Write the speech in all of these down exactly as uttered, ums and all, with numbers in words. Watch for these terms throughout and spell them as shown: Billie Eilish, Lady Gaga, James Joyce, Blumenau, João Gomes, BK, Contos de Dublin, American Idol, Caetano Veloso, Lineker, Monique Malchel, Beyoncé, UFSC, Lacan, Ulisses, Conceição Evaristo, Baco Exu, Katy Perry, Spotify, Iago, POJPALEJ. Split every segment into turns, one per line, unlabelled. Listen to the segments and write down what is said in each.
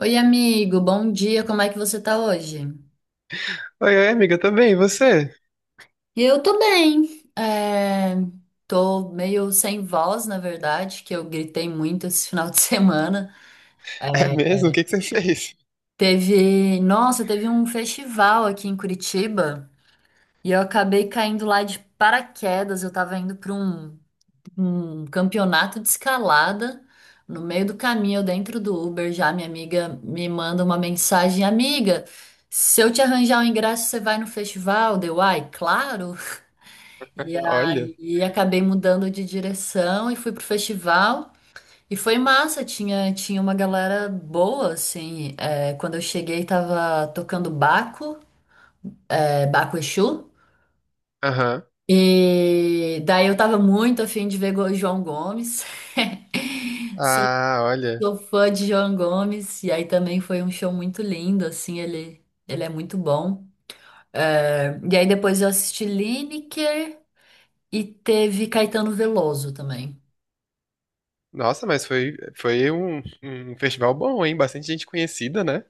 Oi, amigo, bom dia, como é que você tá hoje?
Oi, oi, amiga, tá bem? E você?
Eu tô bem. É, tô meio sem voz, na verdade, que eu gritei muito esse final de semana.
É
É,
mesmo? O que que você fez?
teve, nossa, teve um festival aqui em Curitiba e eu acabei caindo lá de paraquedas. Eu tava indo pra um um campeonato de escalada. No meio do caminho, eu dentro do Uber, já minha amiga me manda uma mensagem, amiga, se eu te arranjar um ingresso, você vai no festival? Deu, ai, claro. E
Olha.
aí acabei mudando de direção e fui pro festival. E foi massa, tinha, tinha uma galera boa, assim. É, quando eu cheguei, tava tocando Baco, é, Baco Exu.
Aham.
E daí eu tava muito afim de ver Go- João Gomes. Só
Ah, olha.
Sou fã de João Gomes, e aí também foi um show muito lindo, assim, ele, ele é muito bom. É, e aí depois eu assisti Lineker e teve Caetano Veloso também.
Nossa, mas foi, foi um, um festival bom, hein? Bastante gente conhecida, né?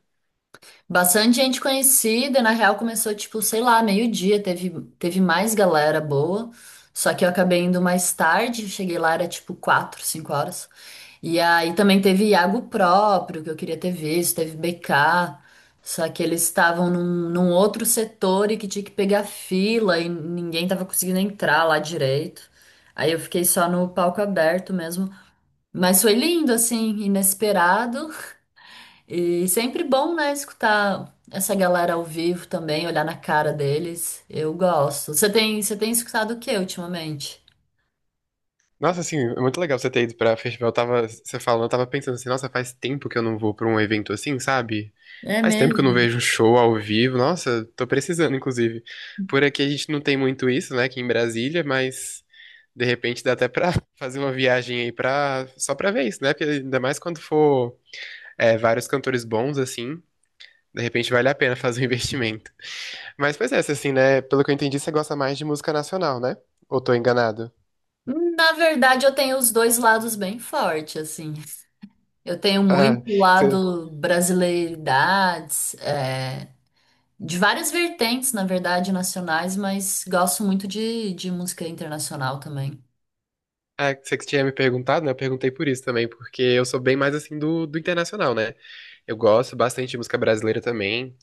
Bastante gente conhecida, na real começou, tipo, sei lá, meio-dia, teve, teve mais galera boa, só que eu acabei indo mais tarde, cheguei lá, era tipo quatro, cinco horas. E aí também teve Iago próprio, que eu queria ter visto, teve B K, só que eles estavam num, num outro setor e que tinha que pegar fila e ninguém tava conseguindo entrar lá direito. Aí eu fiquei só no palco aberto mesmo. Mas foi lindo, assim, inesperado. E sempre bom, né, escutar essa galera ao vivo também, olhar na cara deles. Eu gosto. Você tem, você tem escutado o que ultimamente?
Nossa, assim, é muito legal você ter ido pra festival. Eu tava, você falando, eu tava pensando assim, nossa, faz tempo que eu não vou pra um evento assim, sabe?
É
Faz tempo que eu não
mesmo?
vejo um show ao vivo. Nossa, tô precisando, inclusive. Por aqui a gente não tem muito isso, né? Aqui em Brasília, mas de repente dá até pra fazer uma viagem aí pra, só pra ver isso, né? Porque ainda mais quando for. É, vários cantores bons, assim. De repente vale a pena fazer um investimento. Mas, pois é, assim, né? Pelo que eu entendi, você gosta mais de música nacional, né? Ou tô enganado?
Na verdade, eu tenho os dois lados bem forte assim. Eu tenho
Ah,
muito
você-
lado brasileiridades, é, de várias vertentes, na verdade, nacionais, mas gosto muito de, de música internacional também.
é, você que tinha me perguntado, né? Eu perguntei por isso também, porque eu sou bem mais assim do, do internacional, né? Eu gosto bastante de música brasileira também.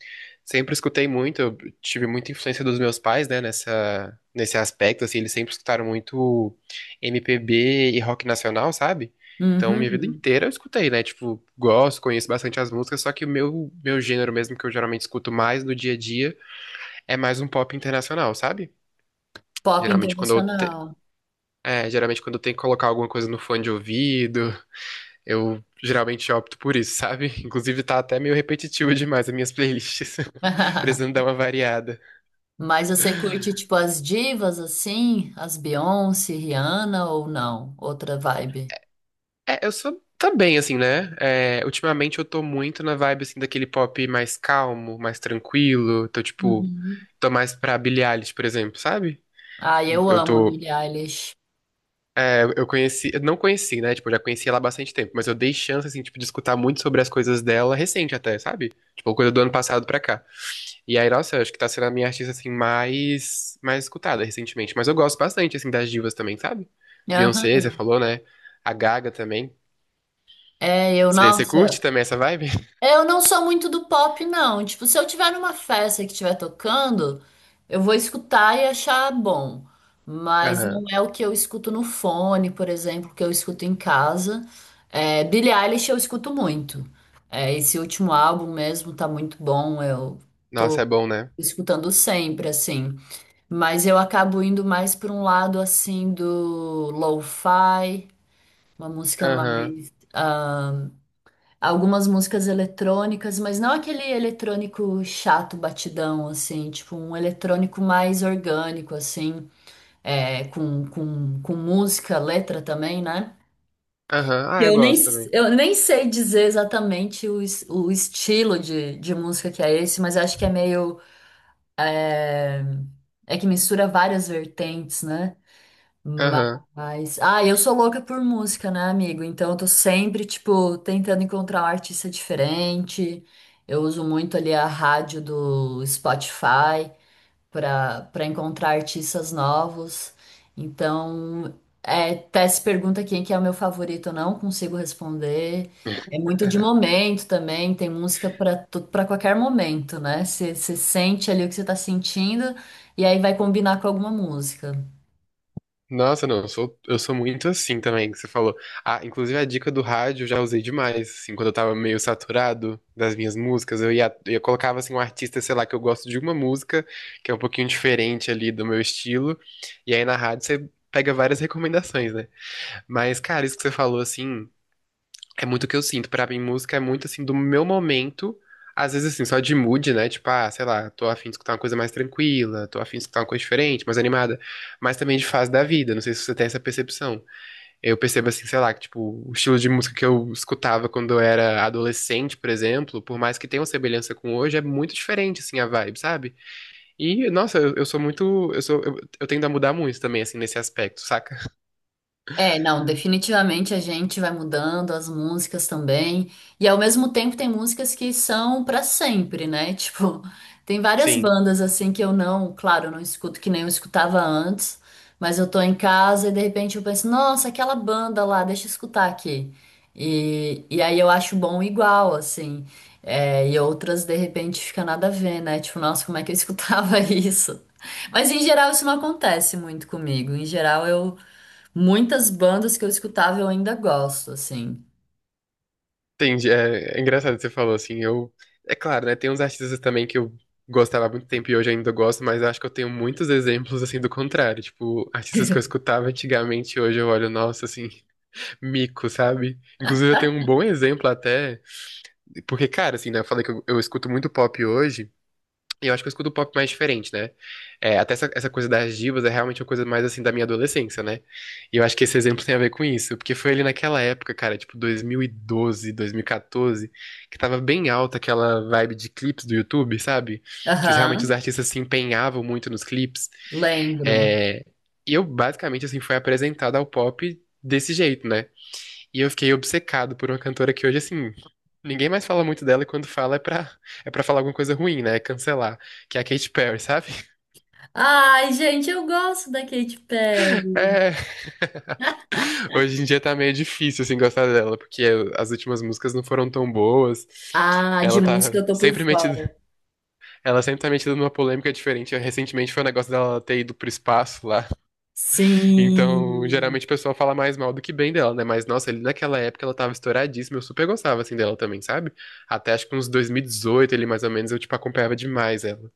Sempre escutei muito, eu tive muita influência dos meus pais, né? Nessa, nesse aspecto, assim, eles sempre escutaram muito M P B e rock nacional, sabe? Então, minha vida
Uhum.
inteira eu escutei, né? Tipo, gosto, conheço bastante as músicas, só que o meu, meu gênero mesmo, que eu geralmente escuto mais no dia a dia, é mais um pop internacional, sabe?
Pop
Geralmente, quando eu te-
internacional.
é, geralmente quando eu tenho que colocar alguma coisa no fone de ouvido, eu geralmente opto por isso, sabe? Inclusive tá até meio repetitivo demais as minhas playlists. Precisando dar uma variada.
Mas você curte, tipo, as divas, assim? As Beyoncé, Rihanna ou não? Outra vibe.
É, eu sou também, assim, né? É, ultimamente eu tô muito na vibe, assim, daquele pop mais calmo, mais tranquilo. Tô, tipo,
Uhum.
tô mais pra Billie Eilish, por exemplo, sabe?
Ah, eu
Eu
amo a
tô.
Billie Eilish.
É, eu conheci. Eu não conheci, né? Tipo, eu já conheci ela há bastante tempo, mas eu dei chance, assim, tipo, de escutar muito sobre as coisas dela recente até, sabe? Tipo, coisa do ano passado pra cá. E aí, nossa, eu acho que tá sendo a minha artista, assim, mais, mais escutada recentemente. Mas eu gosto bastante, assim, das divas também, sabe? Beyoncé,
Aham.
você falou, né? A Gaga também.
É, eu,
Você você
nossa.
curte também essa vibe?
Eu não sou muito do pop, não. Tipo, se eu tiver numa festa que estiver tocando, eu vou escutar e achar bom. Mas não
Aham.
é o que eu escuto no fone, por exemplo, que eu escuto em casa. É, Billie Eilish eu escuto muito. É, esse último álbum mesmo tá muito bom. Eu tô
Nossa, é bom, né?
escutando sempre, assim. Mas eu acabo indo mais por um lado, assim, do lo-fi, uma música
Aham.
mais. Ah, algumas músicas eletrônicas, mas não aquele eletrônico chato, batidão, assim, tipo um eletrônico mais orgânico, assim, é, com, com, com música, letra também, né?
Aham. Ah, eu
Eu nem,
gosto também.
eu nem sei dizer exatamente o, es- o estilo de, de música que é esse, mas acho que é meio. É que mistura várias vertentes, né?
Aham.
Mas, ah, eu sou louca por música, né, amigo? Então eu tô sempre, tipo, tentando encontrar um artista diferente. Eu uso muito ali a rádio do Spotify para para encontrar artistas novos. Então, é, até se pergunta quem que é o meu favorito, eu não consigo responder. É muito de momento também, tem música para para qualquer momento, né? Você sente ali o que você tá sentindo e aí vai combinar com alguma música.
Nossa, não, eu sou, eu sou muito assim também, que você falou. Ah, inclusive a dica do rádio eu já usei demais, assim, quando eu tava meio saturado das minhas músicas, eu ia, eu colocava, assim, um artista, sei lá, que eu gosto de uma música, que é um pouquinho diferente ali do meu estilo, e aí na rádio você pega várias recomendações, né? Mas, cara, isso que você falou, assim, é muito o que eu sinto. Pra mim, música é muito assim do meu momento. Às vezes, assim, só de mood, né? Tipo, ah, sei lá, tô afim de escutar uma coisa mais tranquila, tô afim de escutar uma coisa diferente, mais animada. Mas também de fase da vida. Não sei se você tem essa percepção. Eu percebo, assim, sei lá, que, tipo, o estilo de música que eu escutava quando eu era adolescente, por exemplo, por mais que tenha uma semelhança com hoje, é muito diferente, assim, a vibe, sabe? E, nossa, eu, eu sou muito. Eu sou, eu, eu tendo a mudar muito também, assim, nesse aspecto, saca?
É, não, definitivamente a gente vai mudando as músicas também. E ao mesmo tempo tem músicas que são pra sempre, né? Tipo, tem várias
Sim.
bandas assim que eu não, claro, eu não escuto que nem eu escutava antes, mas eu tô em casa e de repente eu penso, nossa, aquela banda lá, deixa eu escutar aqui. E, e aí eu acho bom igual, assim. É, e outras de repente fica nada a ver, né? Tipo, nossa, como é que eu escutava isso? Mas em geral isso não acontece muito comigo. Em geral eu Muitas bandas que eu escutava eu ainda gosto, assim.
Entendi. É, é engraçado que você falou assim. Eu, é claro, né? Tem uns artistas também que eu gostava há muito tempo e hoje ainda gosto, mas acho que eu tenho muitos exemplos assim do contrário. Tipo, artistas que eu escutava antigamente, hoje eu olho, nossa, assim, mico, sabe? Inclusive eu tenho um bom exemplo até, porque, cara, assim, né? Eu falei que eu, eu escuto muito pop hoje. E eu acho que eu escuto pop mais diferente, né? É, até essa, essa coisa das divas é realmente uma coisa mais assim da minha adolescência, né? E eu acho que esse exemplo tem a ver com isso, porque foi ali naquela época, cara, tipo dois mil e doze, dois mil e quatorze, que tava bem alta aquela vibe de clipes do YouTube, sabe? Que os- realmente os
Aham,
artistas se empenhavam muito nos clipes.
lembro.
É, e eu basicamente assim fui apresentado ao pop desse jeito, né? E eu fiquei obcecado por uma cantora que hoje, assim, ninguém mais fala muito dela e quando fala é pra, é pra falar alguma coisa ruim, né? É cancelar. Que é a Katy Perry, sabe?
Ai, gente, eu gosto da Katy Perry.
É, hoje em dia tá meio difícil, assim, gostar dela, porque as últimas músicas não foram tão boas.
Ah, de
Ela
música
tá
eu tô por
sempre metida,
fora.
ela sempre tá metida numa polêmica diferente. Recentemente foi o negócio dela ter ido pro espaço lá. Então,
Sim,
geralmente o pessoal fala mais mal do que bem dela, né? Mas, nossa, ali naquela época ela tava estouradíssima, eu super gostava, assim, dela também, sabe? Até acho que uns dois mil e dezoito ali, mais ou menos, eu, tipo, acompanhava demais ela.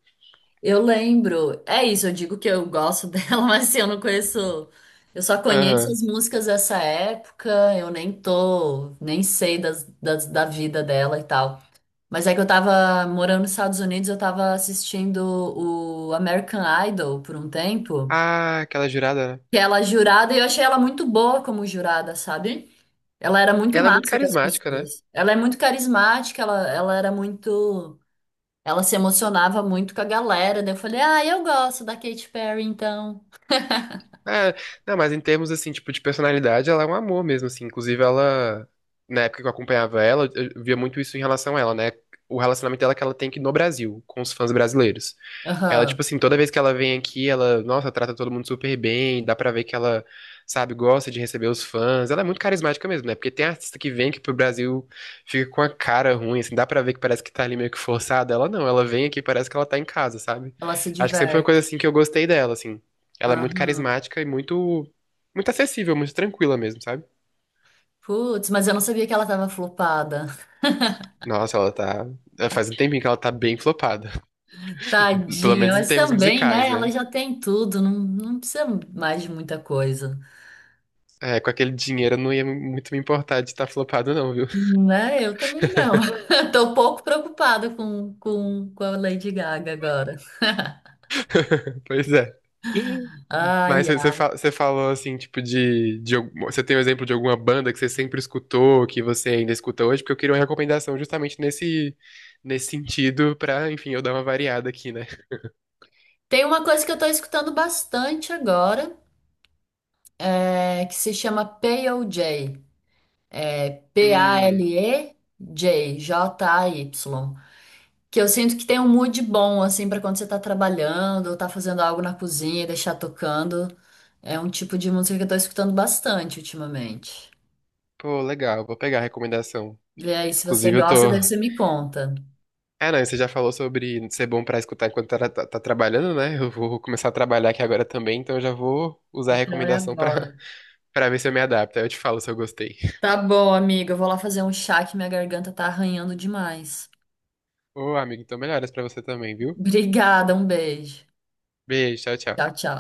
eu lembro. É isso, eu digo que eu gosto dela, mas assim, eu não conheço. Eu só conheço
Aham.
as músicas dessa época, eu nem tô, nem sei das, das- da vida dela e tal. Mas é que eu tava morando nos Estados Unidos, eu tava assistindo o American Idol por um tempo.
Ah, aquela jurada, né?
Que ela é jurada, e eu achei ela muito boa como jurada, sabe? Ela era muito
Ela é muito
massa com as
carismática, né?
pessoas. Ela é muito carismática, ela, ela era muito. Ela se emocionava muito com a galera. Daí eu falei, ah, eu gosto da Katy Perry, então.
É, não, mas em termos, assim, tipo, de personalidade, ela é um amor mesmo, assim. Inclusive, ela, na época que eu acompanhava ela, eu eu via muito isso em relação a ela, né? O relacionamento dela é que ela tem aqui no Brasil, com os fãs brasileiros. Ela, tipo
Aham.
assim, toda vez que ela vem aqui, ela, nossa, trata todo mundo super bem, dá pra ver que ela, sabe, gosta de receber os fãs. Ela é muito carismática mesmo, né? Porque tem artista que vem aqui pro Brasil, fica com a cara ruim, assim, dá pra ver que parece que tá ali meio que forçada. Ela não, ela vem aqui, parece que ela tá em casa, sabe?
Ela se
Acho que sempre foi uma coisa,
diverte.
assim, que eu gostei dela, assim. Ela é muito
Aham.
carismática e muito, muito acessível, muito tranquila mesmo, sabe?
Putz, mas eu não sabia que ela tava flopada.
Nossa, ela tá. é, Faz um tempinho que ela tá bem flopada. Pelo
Tadinha,
menos em
mas
termos
também,
musicais,
né? Ela
né?
já tem tudo, não, não precisa mais de muita coisa.
É, com aquele dinheiro eu não ia muito me importar de estar flopado, não, viu?
Né? Eu também não. Tô um pouco preocupada com, com, com a Lady Gaga agora.
Pois é. Mas
Ai,
você você
ai.
fa- você falou assim, tipo, de, de. algum- você tem um exemplo de alguma banda que você sempre escutou, que você ainda escuta hoje? Porque eu queria uma recomendação justamente nesse, nesse sentido, pra, enfim, eu dar uma variada aqui, né?
Tem uma coisa que eu tô escutando bastante agora, é, que se chama P O J
Hum,
P A L E J J A Y. Que eu sinto que tem um mood bom, assim, pra quando você tá trabalhando ou tá fazendo algo na cozinha e deixar tocando. É um tipo de música que eu tô escutando bastante ultimamente.
pô, legal, vou pegar a recomendação.
Vê aí, se você
Inclusive, eu tô,
gosta, daí você me conta.
Ah, não, você já falou sobre ser bom pra escutar enquanto tá, tá- tá trabalhando, né? Eu vou começar a trabalhar aqui agora também, então eu já vou usar a
Então é
recomendação pra,
agora.
pra ver se eu me adapto. Aí eu te falo se eu gostei.
Tá bom, amiga. Eu vou lá fazer um chá que minha garganta tá arranhando demais.
Ô, amigo, então melhoras pra você também, viu?
Obrigada, um beijo.
Beijo, tchau,
Tchau,
tchau.
tchau.